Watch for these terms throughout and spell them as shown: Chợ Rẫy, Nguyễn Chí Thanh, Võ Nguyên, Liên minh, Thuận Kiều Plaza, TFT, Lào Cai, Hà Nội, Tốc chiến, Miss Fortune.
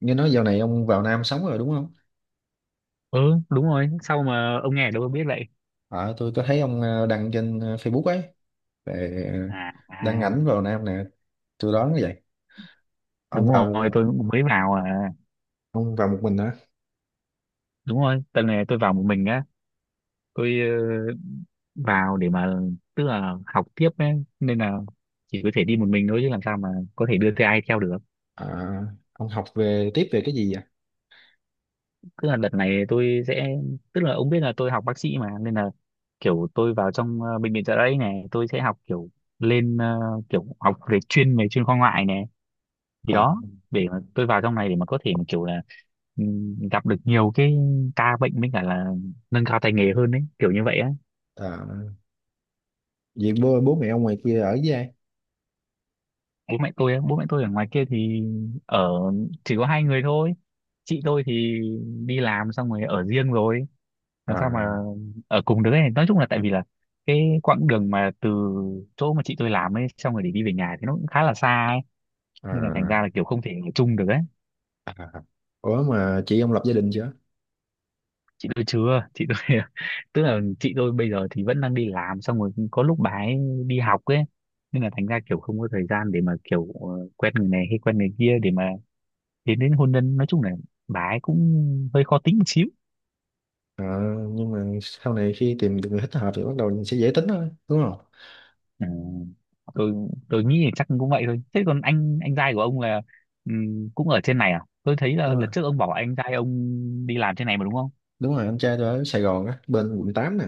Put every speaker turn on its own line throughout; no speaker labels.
Nghe nói dạo này ông vào Nam sống rồi đúng không?
Ừ, đúng rồi, sau mà ông nghe ở đâu tôi biết vậy?
À, tôi có thấy ông đăng trên Facebook ấy về
À,
đăng
à,
ảnh vào Nam nè, tôi đoán như vậy. Ông
đúng rồi,
vào
tôi cũng mới vào. À
ông vào một mình hả?
đúng rồi, tuần này tôi vào một mình á. Tôi vào để mà, tức là học tiếp ấy, nên là chỉ có thể đi một mình thôi, chứ làm sao mà có thể đưa theo ai theo được.
À, ông học về tiếp về cái gì vậy?
Tức là đợt này tôi sẽ, tức là ông biết là tôi học bác sĩ mà, nên là kiểu tôi vào trong bệnh viện Chợ Rẫy này, tôi sẽ học kiểu lên kiểu học về chuyên, về chuyên khoa ngoại này. Thì
À,
đó, để mà tôi vào trong này để mà có thể mà kiểu là gặp được nhiều cái ca bệnh, với cả là nâng cao tay nghề hơn đấy, kiểu như vậy á.
à, vậy bố mẹ ông ngoài kia ở với ai?
Bố mẹ tôi á, bố mẹ tôi ở ngoài kia thì ở, chỉ có hai người thôi. Chị tôi thì đi làm xong rồi ở riêng rồi, làm
À,
sao mà ở cùng được ấy. Nói chung là tại vì là cái quãng đường mà từ chỗ mà chị tôi làm ấy, xong rồi để đi về nhà thì nó cũng khá là xa ấy, nên là thành
à,
ra là kiểu không thể ở chung được ấy.
à. Ủa mà chị ông lập gia đình chưa?
Chị tôi chưa, chị tôi tức là chị tôi bây giờ thì vẫn đang đi làm, xong rồi có lúc bà ấy đi học ấy, nên là thành ra kiểu không có thời gian để mà kiểu quen người này hay quen người kia để mà đến, đến hôn nhân. Nói chung là bà ấy cũng hơi khó tính một xíu.
À, nhưng mà sau này khi tìm được người thích hợp thì bắt đầu sẽ dễ tính thôi, đúng không?
Ừ. tôi tôi nghĩ là chắc cũng vậy thôi. Thế còn anh trai của ông là cũng ở trên này à? Tôi thấy
Đúng
là
rồi,
lần trước ông bảo anh trai ông đi làm trên này mà đúng không?
đúng rồi, anh trai tôi ở Sài Gòn á, bên quận 8 nè.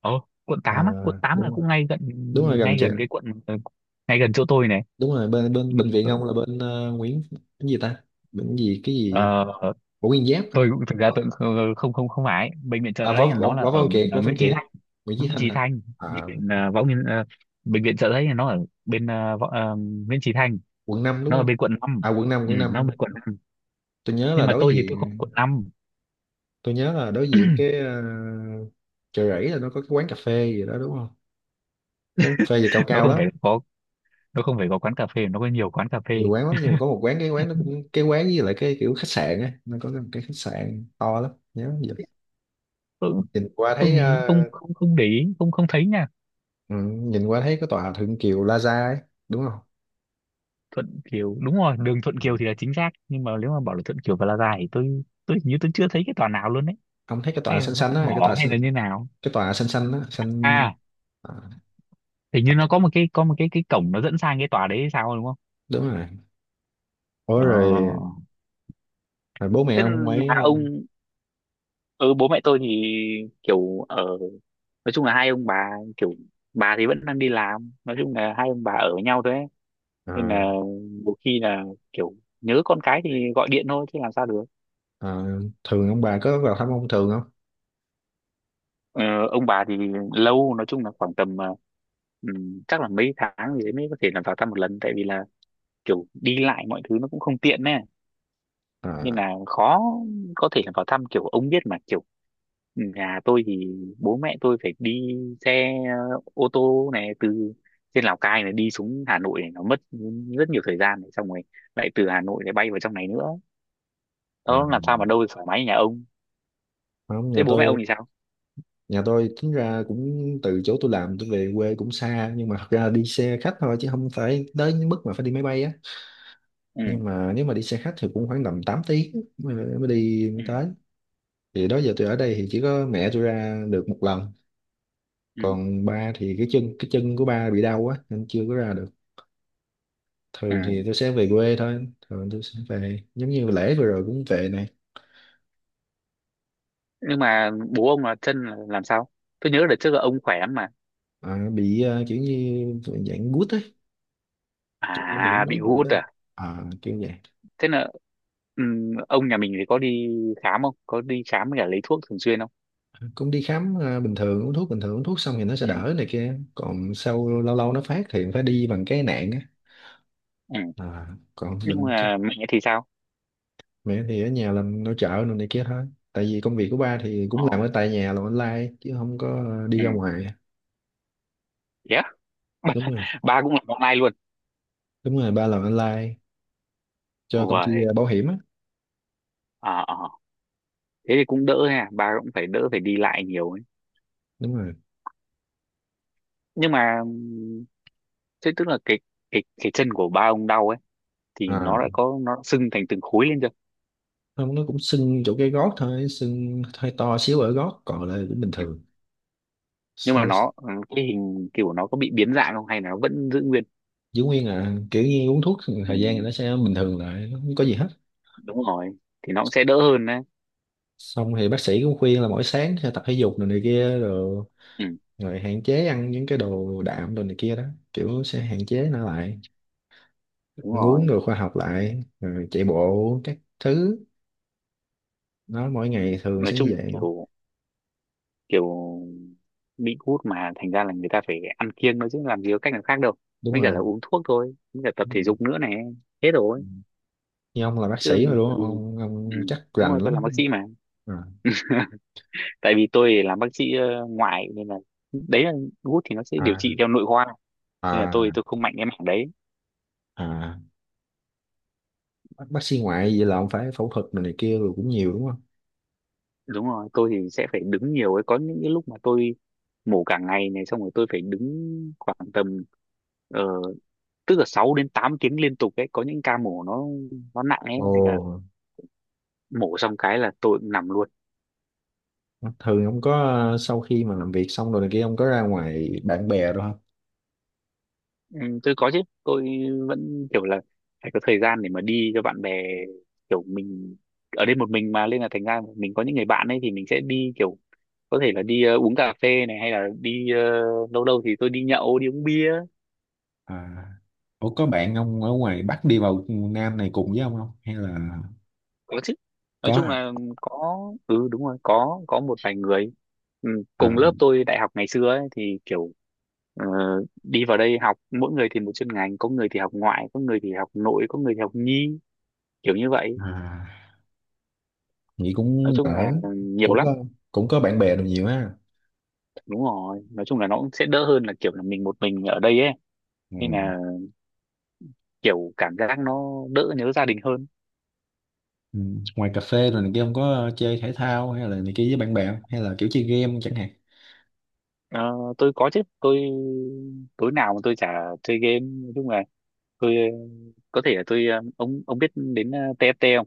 Ờ, quận
À,
tám á, quận tám là
đúng,
cũng ngay gần,
đúng rồi, gần
ngay
chị.
gần cái quận ngay gần chỗ tôi này.
Đúng rồi, bên bên bệnh viện ông là bên Nguyễn cái gì ta, bệnh gì cái
Ờ,
gì, Võ Nguyên Giáp.
tôi cũng, thực ra
Ủa?
tôi cũng không không không không phải bệnh viện chợ
À, Võ
đấy,
Võ
nó là
Võ
ở,
Văn Kiệt Võ
ở
Văn
Nguyễn Chí
Kiệt
Thanh.
Nguyễn Chí
Nguyễn
Thanh
Chí
à.
Thanh, bệnh
À,
viện Võ Nguyên bệnh viện chợ đấy nó ở bên Võ, Nguyễn Chí Thanh.
quận 5 đúng
Nó ở
không?
bên quận năm.
À, quận năm,
Ừ,
quận
nó ở
năm.
bên quận năm.
tôi nhớ
Nhưng
là
mà
đối
tôi thì tôi
diện
không quận năm.
tôi nhớ là đối diện cái Chợ Rẫy là nó có cái quán cà phê gì đó đúng không? Quán cà phê gì cao
Nó
cao
không
lắm.
phải có, nó không phải có quán cà phê, nó có nhiều quán cà
Nhiều
phê.
quán lắm, nhưng mà có một quán, cái quán nó cũng, cái quán với lại cái kiểu khách sạn á, nó có một cái khách sạn to lắm nhớ giờ.
Tôi cũng
nhìn qua
không
thấy
nhìn,
ờ,
không không không để ý, không không thấy nha.
ừ, Nhìn qua thấy cái tòa Thượng Kiều Plaza ấy, đúng không?
Thuận Kiều, đúng rồi, đường Thuận
Ừ.
Kiều thì là chính xác, nhưng mà nếu mà bảo là Thuận Kiều Plaza thì tôi hình như tôi chưa thấy cái tòa nào luôn đấy.
Ông thấy cái tòa
Hay là
xanh
nó
xanh
có
á,
bỏ hay là như nào?
cái tòa xanh xanh á, xanh
À
à.
hình như nó có một cái, có một cái cổng nó dẫn sang cái tòa đấy hay sao đúng không?
Đúng rồi. Ủa
Ờ,
rồi, rồi bố mẹ
thế
ông ấy?
nhà ông, ừ, bố mẹ tôi thì kiểu ở, nói chung là hai ông bà, kiểu bà thì vẫn đang đi làm, nói chung là hai ông bà ở với nhau thôi ấy. Nên
À,
là một khi là kiểu nhớ con cái thì gọi điện thôi chứ làm sao được.
à. Thường ông bà có vào thăm ông thường không?
Ờ, ông bà thì lâu, nói chung là khoảng tầm chắc là mấy tháng gì đấy mới có thể là vào thăm một lần, tại vì là kiểu đi lại mọi thứ nó cũng không tiện nè. Nên
À,
là khó có thể là vào thăm, kiểu ông biết mà, kiểu ừ, nhà tôi thì bố mẹ tôi phải đi xe ô tô này từ trên Lào Cai này đi xuống Hà Nội này, nó mất rất nhiều thời gian này, xong rồi lại từ Hà Nội lại bay vào trong này nữa,
à.
nó làm sao mà đâu được thoải mái như nhà ông.
Không,
Thế
nhà
bố mẹ
tôi.
ông thì sao?
Nhà tôi tính ra cũng từ chỗ tôi làm tôi về quê cũng xa, nhưng mà thật ra đi xe khách thôi chứ không phải tới mức mà phải đi máy bay á.
Ừ.
Nhưng mà nếu mà đi xe khách thì cũng khoảng tầm 8 tiếng mới đi mới
Ừ.
tới. Thì đó giờ tôi ở đây thì chỉ có mẹ tôi ra được một lần.
Ừ.
Còn ba thì cái chân của ba bị đau quá nên chưa có ra được. Thường thì
Ừ.
tôi sẽ về quê thôi, thường tôi sẽ về giống như lễ vừa rồi cũng về này.
Nhưng mà bố ông là chân là làm sao? Tôi nhớ đợt trước là ông khỏe lắm mà.
À, bị kiểu như dạng gút ấy. Kiểu như cũng
À
nói
bị
hụt á.
gút à?
À, kiểu vậy.
Thế là ừ, ông nhà mình thì có đi khám không, có đi khám với cả lấy thuốc thường xuyên không?
Cũng đi khám bình thường uống thuốc, bình thường uống thuốc xong thì nó sẽ
Ừ.
đỡ này kia, còn sau lâu lâu nó phát thì phải đi bằng cái nạn á.
Ừ.
À, còn
Nhưng
bệnh chứ.
mà mẹ thì sao?
Mẹ thì ở nhà làm nội trợ rồi này kia thôi. Tại vì công việc của ba thì
Ờ.
cũng làm ở tại nhà, làm online chứ không có đi
Ừ.
ra ngoài.
Yeah.
Đúng rồi.
Ba cũng làm online luôn?
Đúng rồi, ba làm online cho công ty
Uầy.
bảo hiểm á.
Ờ, ờ, thế thì cũng đỡ ha, ba cũng phải đỡ phải đi lại nhiều ấy.
Đúng rồi.
Nhưng mà thế tức là cái, cái chân của ba ông đau ấy, thì nó
À,
đã có, nó đã sưng thành từng khối lên chưa?
không, nó cũng sưng chỗ cái gót thôi, sưng hơi to xíu ở gót, còn lại cũng bình
Ừ.
thường.
Nhưng mà
Sau
nó ừ, cái hình kiểu nó có bị biến dạng không hay là nó vẫn giữ nguyên?
giữ nguyên à, kiểu như uống thuốc
Ừ.
thời gian thì nó sẽ bình thường lại, nó không có gì hết.
Đúng rồi, thì nó cũng sẽ đỡ hơn đấy.
Xong thì bác sĩ cũng khuyên là mỗi sáng sẽ tập thể dục rồi này kia rồi,
Ừ.
rồi hạn chế ăn những cái đồ đạm, đồ này kia đó, kiểu sẽ hạn chế nó lại.
Đúng
Ăn uống
rồi,
đồ khoa học lại rồi chạy bộ các thứ. Nó mỗi ngày thường
nói
sẽ
chung
như
là
vậy.
kiểu, kiểu bị gút mà, thành ra là người ta phải ăn kiêng nữa chứ làm gì có cách nào khác đâu,
Đúng
mới cả là
rồi,
uống thuốc thôi, mới cả tập
đúng
thể
rồi.
dục nữa này. Hết
Ừ.
rồi.
Như ông là bác
Chứ
sĩ rồi đúng không,
ừ,
ông,
ừ,
ông chắc
đúng
rành
rồi, tôi làm bác
lắm.
sĩ mà.
À,
Tại vì tôi làm bác sĩ ngoại nên là đấy là, gút thì nó sẽ điều trị
à,
theo nội khoa, nên là tôi
à,
tôi không mạnh cái mảng đấy.
à. Bác sĩ ngoại vậy là ông phải phẫu thuật này kia rồi cũng nhiều đúng không?
Đúng rồi tôi thì sẽ phải đứng nhiều ấy, có những cái lúc mà tôi mổ cả ngày này, xong rồi tôi phải đứng khoảng tầm ờ, tức là 6 đến 8 tiếng liên tục ấy, có những ca mổ nó nặng ấy,
Ồ.
nên là mổ xong cái là tôi cũng nằm luôn.
Thường ông có sau khi mà làm việc xong rồi này kia ông có ra ngoài bạn bè rồi không?
Ừ, tôi có chứ, tôi vẫn kiểu là phải có thời gian để mà đi cho bạn bè, kiểu mình ở đây một mình mà, nên là thành ra mình có những người bạn ấy thì mình sẽ đi kiểu, có thể là đi uống cà phê này, hay là đi lâu lâu thì tôi đi nhậu đi uống bia.
À. Ủa, có bạn ông ở ngoài Bắc đi vào Nam này cùng với ông không, hay là
Có chứ, nói
có
chung
à,
là có. Ừ đúng rồi, có một vài người, ừ,
à,
cùng lớp tôi đại học ngày xưa ấy, thì kiểu ờ, đi vào đây học, mỗi người thì một chuyên ngành, có người thì học ngoại, có người thì học nội, có người thì học nhi, kiểu như vậy.
à. Vậy
Nói
cũng ở,
chung là nhiều
cũng
lắm.
có, cũng có bạn bè được nhiều ha.
Đúng rồi nói chung là nó cũng sẽ đỡ hơn là kiểu là mình một mình ở đây ấy.
Ừ.
Nên là kiểu cảm giác nó đỡ nhớ gia đình hơn.
Ừ. Ngoài cà phê rồi này kia ông có chơi thể thao hay là này kia với bạn bè hay là kiểu chơi game chẳng hạn.
Ờ, tôi có chứ, tôi tối nào mà tôi chả chơi game. Nói chung là tôi có thể là tôi ông biết đến TFT không?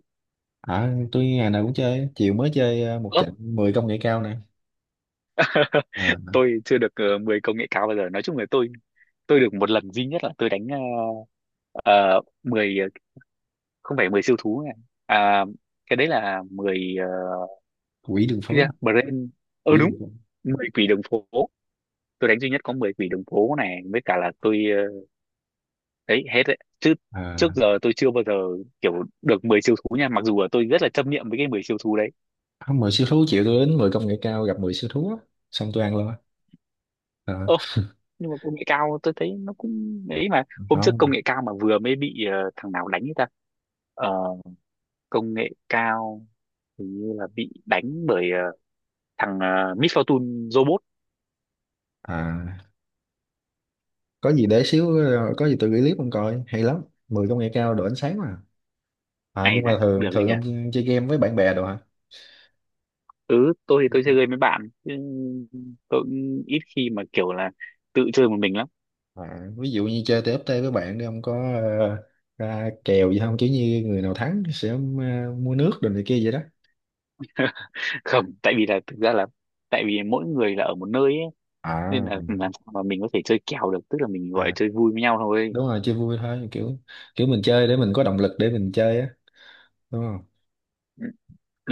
À, tôi ngày nào cũng chơi, chiều mới chơi một
Ơ,
trận 10 công nghệ cao nè. À,
tôi chưa được 10 công nghệ cao bao giờ. Nói chung là tôi được một lần duy nhất là tôi đánh 10 không phải 10 siêu thú này. À cái đấy là 10
quỷ đường
cái gì đó?
phố,
Brain. Ờ
quỷ
đúng,
đường phố.
10 quỷ đường phố. Tôi đánh duy nhất có 10 quỷ đường phố này, với cả là tôi đấy hết đấy. Chứ trước
À,
giờ tôi chưa bao giờ kiểu được 10 siêu thú nha, mặc dù là tôi rất là chấp niệm với cái mười siêu thú đấy.
không, 10 siêu thú, chiều tôi đến 10 công nghệ cao gặp 10 siêu thú á. Xong tôi ăn luôn á. À,
Nhưng mà công nghệ cao tôi thấy nó cũng ấy mà, hôm trước
không.
công nghệ cao mà vừa mới bị thằng nào đánh ấy ta. Ờ, công nghệ cao hình như là bị đánh bởi thằng Miss Fortune robot.
À, có gì để xíu có gì tôi gửi clip ông coi hay lắm. 10 công nghệ cao độ ánh sáng mà. À,
Ai
nhưng mà
dạ
thường
được gì
thường
nhỉ.
ông chơi game với bạn bè đồ hả?
Ừ tôi thì tôi chơi game với bạn chứ, tôi cũng ít khi mà kiểu là tự chơi một mình lắm.
À, ví dụ như chơi TFT với bạn đi ông có ờ, ra kèo gì không chứ như người nào thắng sẽ mua nước đồ này kia vậy đó.
Không tại vì là thực ra là, tại vì mỗi người là ở một nơi ấy, nên
À,
là làm sao mà mình có thể chơi kèo được, tức là mình gọi là
à,
chơi vui với nhau thôi.
đúng rồi chơi vui thôi kiểu, kiểu mình chơi để mình có động lực để mình chơi á, đúng không?
Ừ.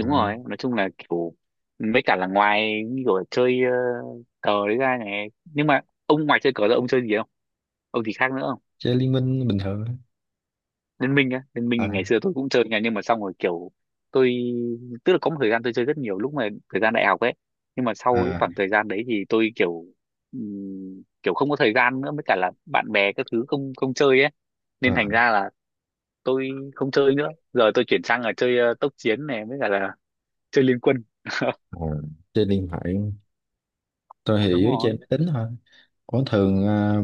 À,
rồi nói chung là kiểu, mấy cả là ngoài như kiểu là chơi cờ đấy ra này, nhưng mà ông ngoài chơi cờ ra ông chơi gì không, ông gì khác nữa không?
chơi liên minh bình thường thôi.
Liên minh á, Liên minh thì ngày
À,
xưa tôi cũng chơi nha, nhưng mà xong rồi kiểu tôi, tức là có một thời gian tôi chơi rất nhiều lúc mà thời gian đại học ấy, nhưng mà sau cái
à,
khoảng thời gian đấy thì tôi kiểu kiểu không có thời gian nữa, với cả là bạn bè các thứ không không chơi ấy. Nên
à,
thành ra là tôi không chơi nữa, giờ tôi chuyển sang là chơi tốc chiến này với cả là chơi liên quân.
à. Chơi điện thoại. Tôi thì
Đúng
dưới chơi
rồi,
máy tính thôi. Có thường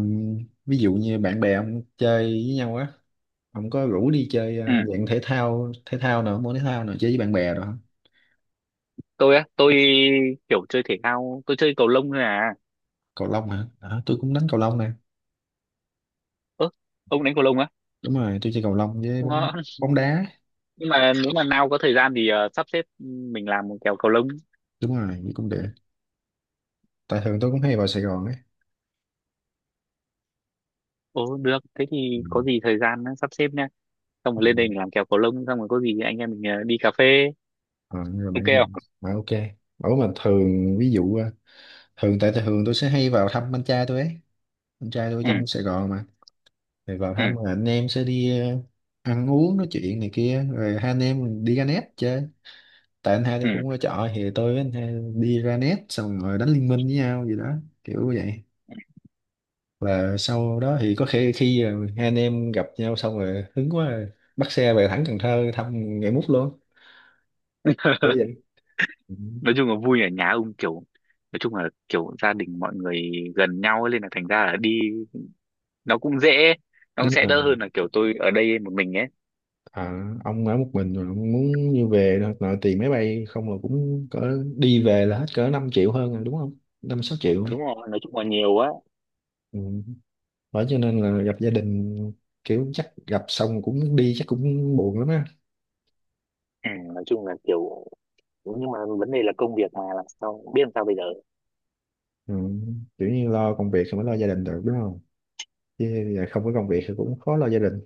ví dụ như bạn bè ông chơi với nhau á, ông có rủ đi chơi dạng thể thao, thể thao nào, môn thể thao nào chơi với bạn bè rồi?
tôi á tôi kiểu chơi thể thao, tôi chơi cầu lông thôi à.
Cầu lông hả? À, tôi cũng đánh cầu lông nè.
Ơ ông đánh cầu lông á?
Đúng rồi, tôi chơi cầu lông với bóng
Ngon.
bóng đá
Nhưng mà nếu mà nào có thời gian thì sắp xếp mình làm một kèo cầu lông.
Đúng rồi, với cũng được. Tại thường tôi cũng hay vào Sài Gòn ấy.
Ồ được, thế
Ừ.
thì có gì thời gian á, sắp xếp nha, xong
Ừ.
rồi lên đây mình làm kèo cầu lông, xong rồi có gì anh em mình đi cà phê.
Ờ, nhưng mà
Ok
bạn bạn
không?
mà ok, bảo mà thường ví dụ thường tại thường tôi sẽ hay vào thăm anh trai tôi ấy, anh trai tôi
Ừ,
trong Sài Gòn mà, rồi vào
ừ,
thăm rồi anh em sẽ đi ăn uống nói chuyện này kia rồi hai anh em đi ra net chơi. Tại anh hai tôi
ừ,
cũng ở trọ thì tôi với anh hai đi ra net xong rồi đánh liên minh với nhau gì đó, kiểu vậy. Là sau đó thì có khi khi hai anh em gặp nhau xong rồi hứng quá rồi, bắt xe về thẳng Cần Thơ thăm ngày mút luôn, kiểu vậy. Ừ.
nói chung là vui ở nhà ông kiểu, nói chung là kiểu gia đình mọi người gần nhau ấy, nên là thành ra là đi nó cũng dễ, nó cũng
Đúng
sẽ đỡ
rồi.
hơn là kiểu tôi ở đây một mình ấy.
À, ông ở một mình rồi ông muốn như về thôi, nội tiền máy bay không là cũng cỡ, đi về là hết cỡ 5 triệu hơn rồi đúng không, 5-6 triệu.
Đúng rồi nói chung là nhiều á.
Ừ. Bởi cho nên là gặp gia đình kiểu chắc gặp xong cũng đi chắc cũng buồn lắm á.
Ừ, nói chung là kiểu, nhưng mà vấn đề là công việc mà, làm sao biết làm sao bây giờ.
Ừ. Kiểu như lo công việc rồi mới lo gia đình được đúng không, chứ giờ không có công việc thì cũng khó lo gia đình.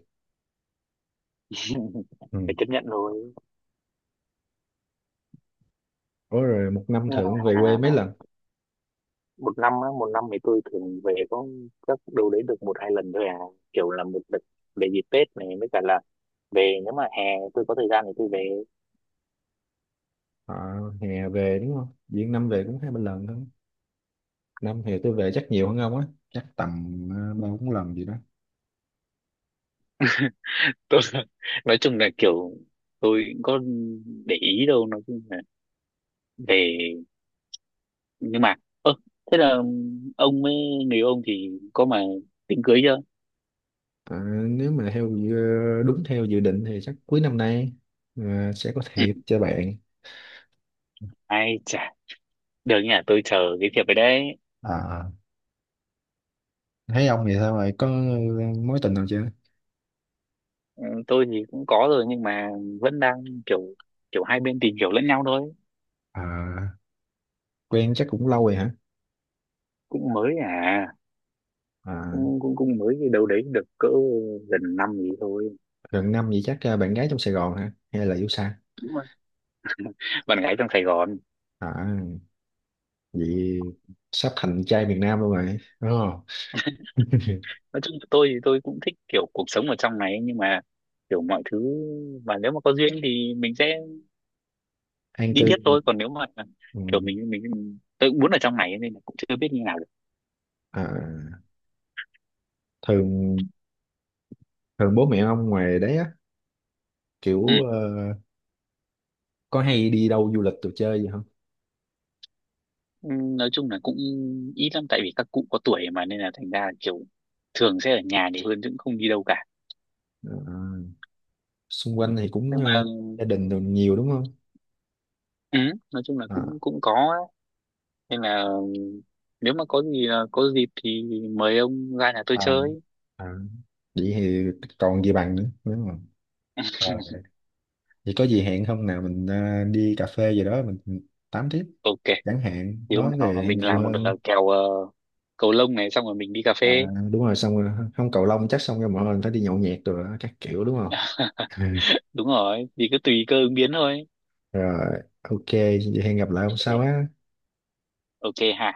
Ừ.
Phải chấp nhận thôi.
Ủa rồi một năm
Nhưng mà
thưởng về quê
à,
mấy lần?
một năm á, một năm thì tôi thường về có các đâu đấy được một hai lần thôi à, kiểu là một đợt về dịp Tết này, với cả là về nếu mà hè tôi có thời gian thì tôi về.
À, hè về đúng không? Diễn năm về cũng 2-3 lần thôi. Năm hè tôi về chắc nhiều hơn ông á. Chắc tầm ờ, 3-4 lần gì đó.
Tôi nói chung là kiểu tôi cũng có để ý đâu, nói chung là về, nhưng mà ơ thế là ông với người yêu ông thì có mà tính cưới chưa?
À, nếu mà đúng theo dự định thì chắc cuối năm nay à, sẽ có
Ừ.
thiệp cho bạn.
Ai chả, được nhỉ, tôi chờ cái việc về đấy.
À, thấy ông vậy sao vậy có mối tình nào chưa?
Ừ, tôi thì cũng có rồi nhưng mà vẫn đang kiểu, kiểu hai bên tìm hiểu lẫn nhau thôi.
À, quen chắc cũng lâu rồi hả?
Cũng mới à,
À,
cũng cũng, cũng mới, cái đâu đấy được cỡ gần năm gì thôi.
gần năm vậy chắc à, bạn gái trong Sài Gòn hả? Hay là yêu xa?
Đúng rồi. Bạn gái trong Sài Gòn.
À, vậy sắp thành trai miền Nam luôn rồi. Đúng không?
Nói chung tôi thì tôi cũng thích kiểu cuộc sống ở trong này, nhưng mà kiểu mọi thứ, và nếu mà có duyên thì mình sẽ
An
đi
cư
tiếp
mà.
thôi. Còn nếu mà
Ừ.
kiểu mình tôi cũng muốn ở trong này, nên là cũng chưa biết như nào được.
À, thường thường bố mẹ ông ngoài đấy á,
Ừ.
kiểu có hay đi đâu du lịch đồ chơi gì không?
Ừ, nói chung là cũng ít lắm, tại vì các cụ có tuổi mà, nên là thành ra kiểu thường sẽ ở nhà nhiều hơn chứ cũng không đi đâu cả.
Ờ, xung
Ừ.
quanh thì cũng
Nhưng mà
gia đình đồ nhiều đúng không?
ừ, nói chung là
À,
cũng cũng có ấy. Nên là nếu mà có gì có dịp thì mời ông ra nhà tôi
à,
chơi.
à. Vậy thì còn gì bằng nữa đúng không? Ờ, vậy có gì hẹn không nào mình đi cà phê gì đó mình tám tiếp
Ok,
chẳng hạn,
thì hôm
nói
nào
về
mình
nhiều
làm một
hơn.
kèo cầu lông này xong rồi mình đi cà
À,
phê.
đúng rồi, xong rồi không cầu lông chắc xong rồi mọi người phải đi nhậu nhẹt rồi đó, các kiểu đúng không?
Đúng rồi thì cứ tùy cơ ứng biến thôi.
Ừ. Rồi ok vậy hẹn gặp lại hôm sau
Ok.
á.
Ok ha.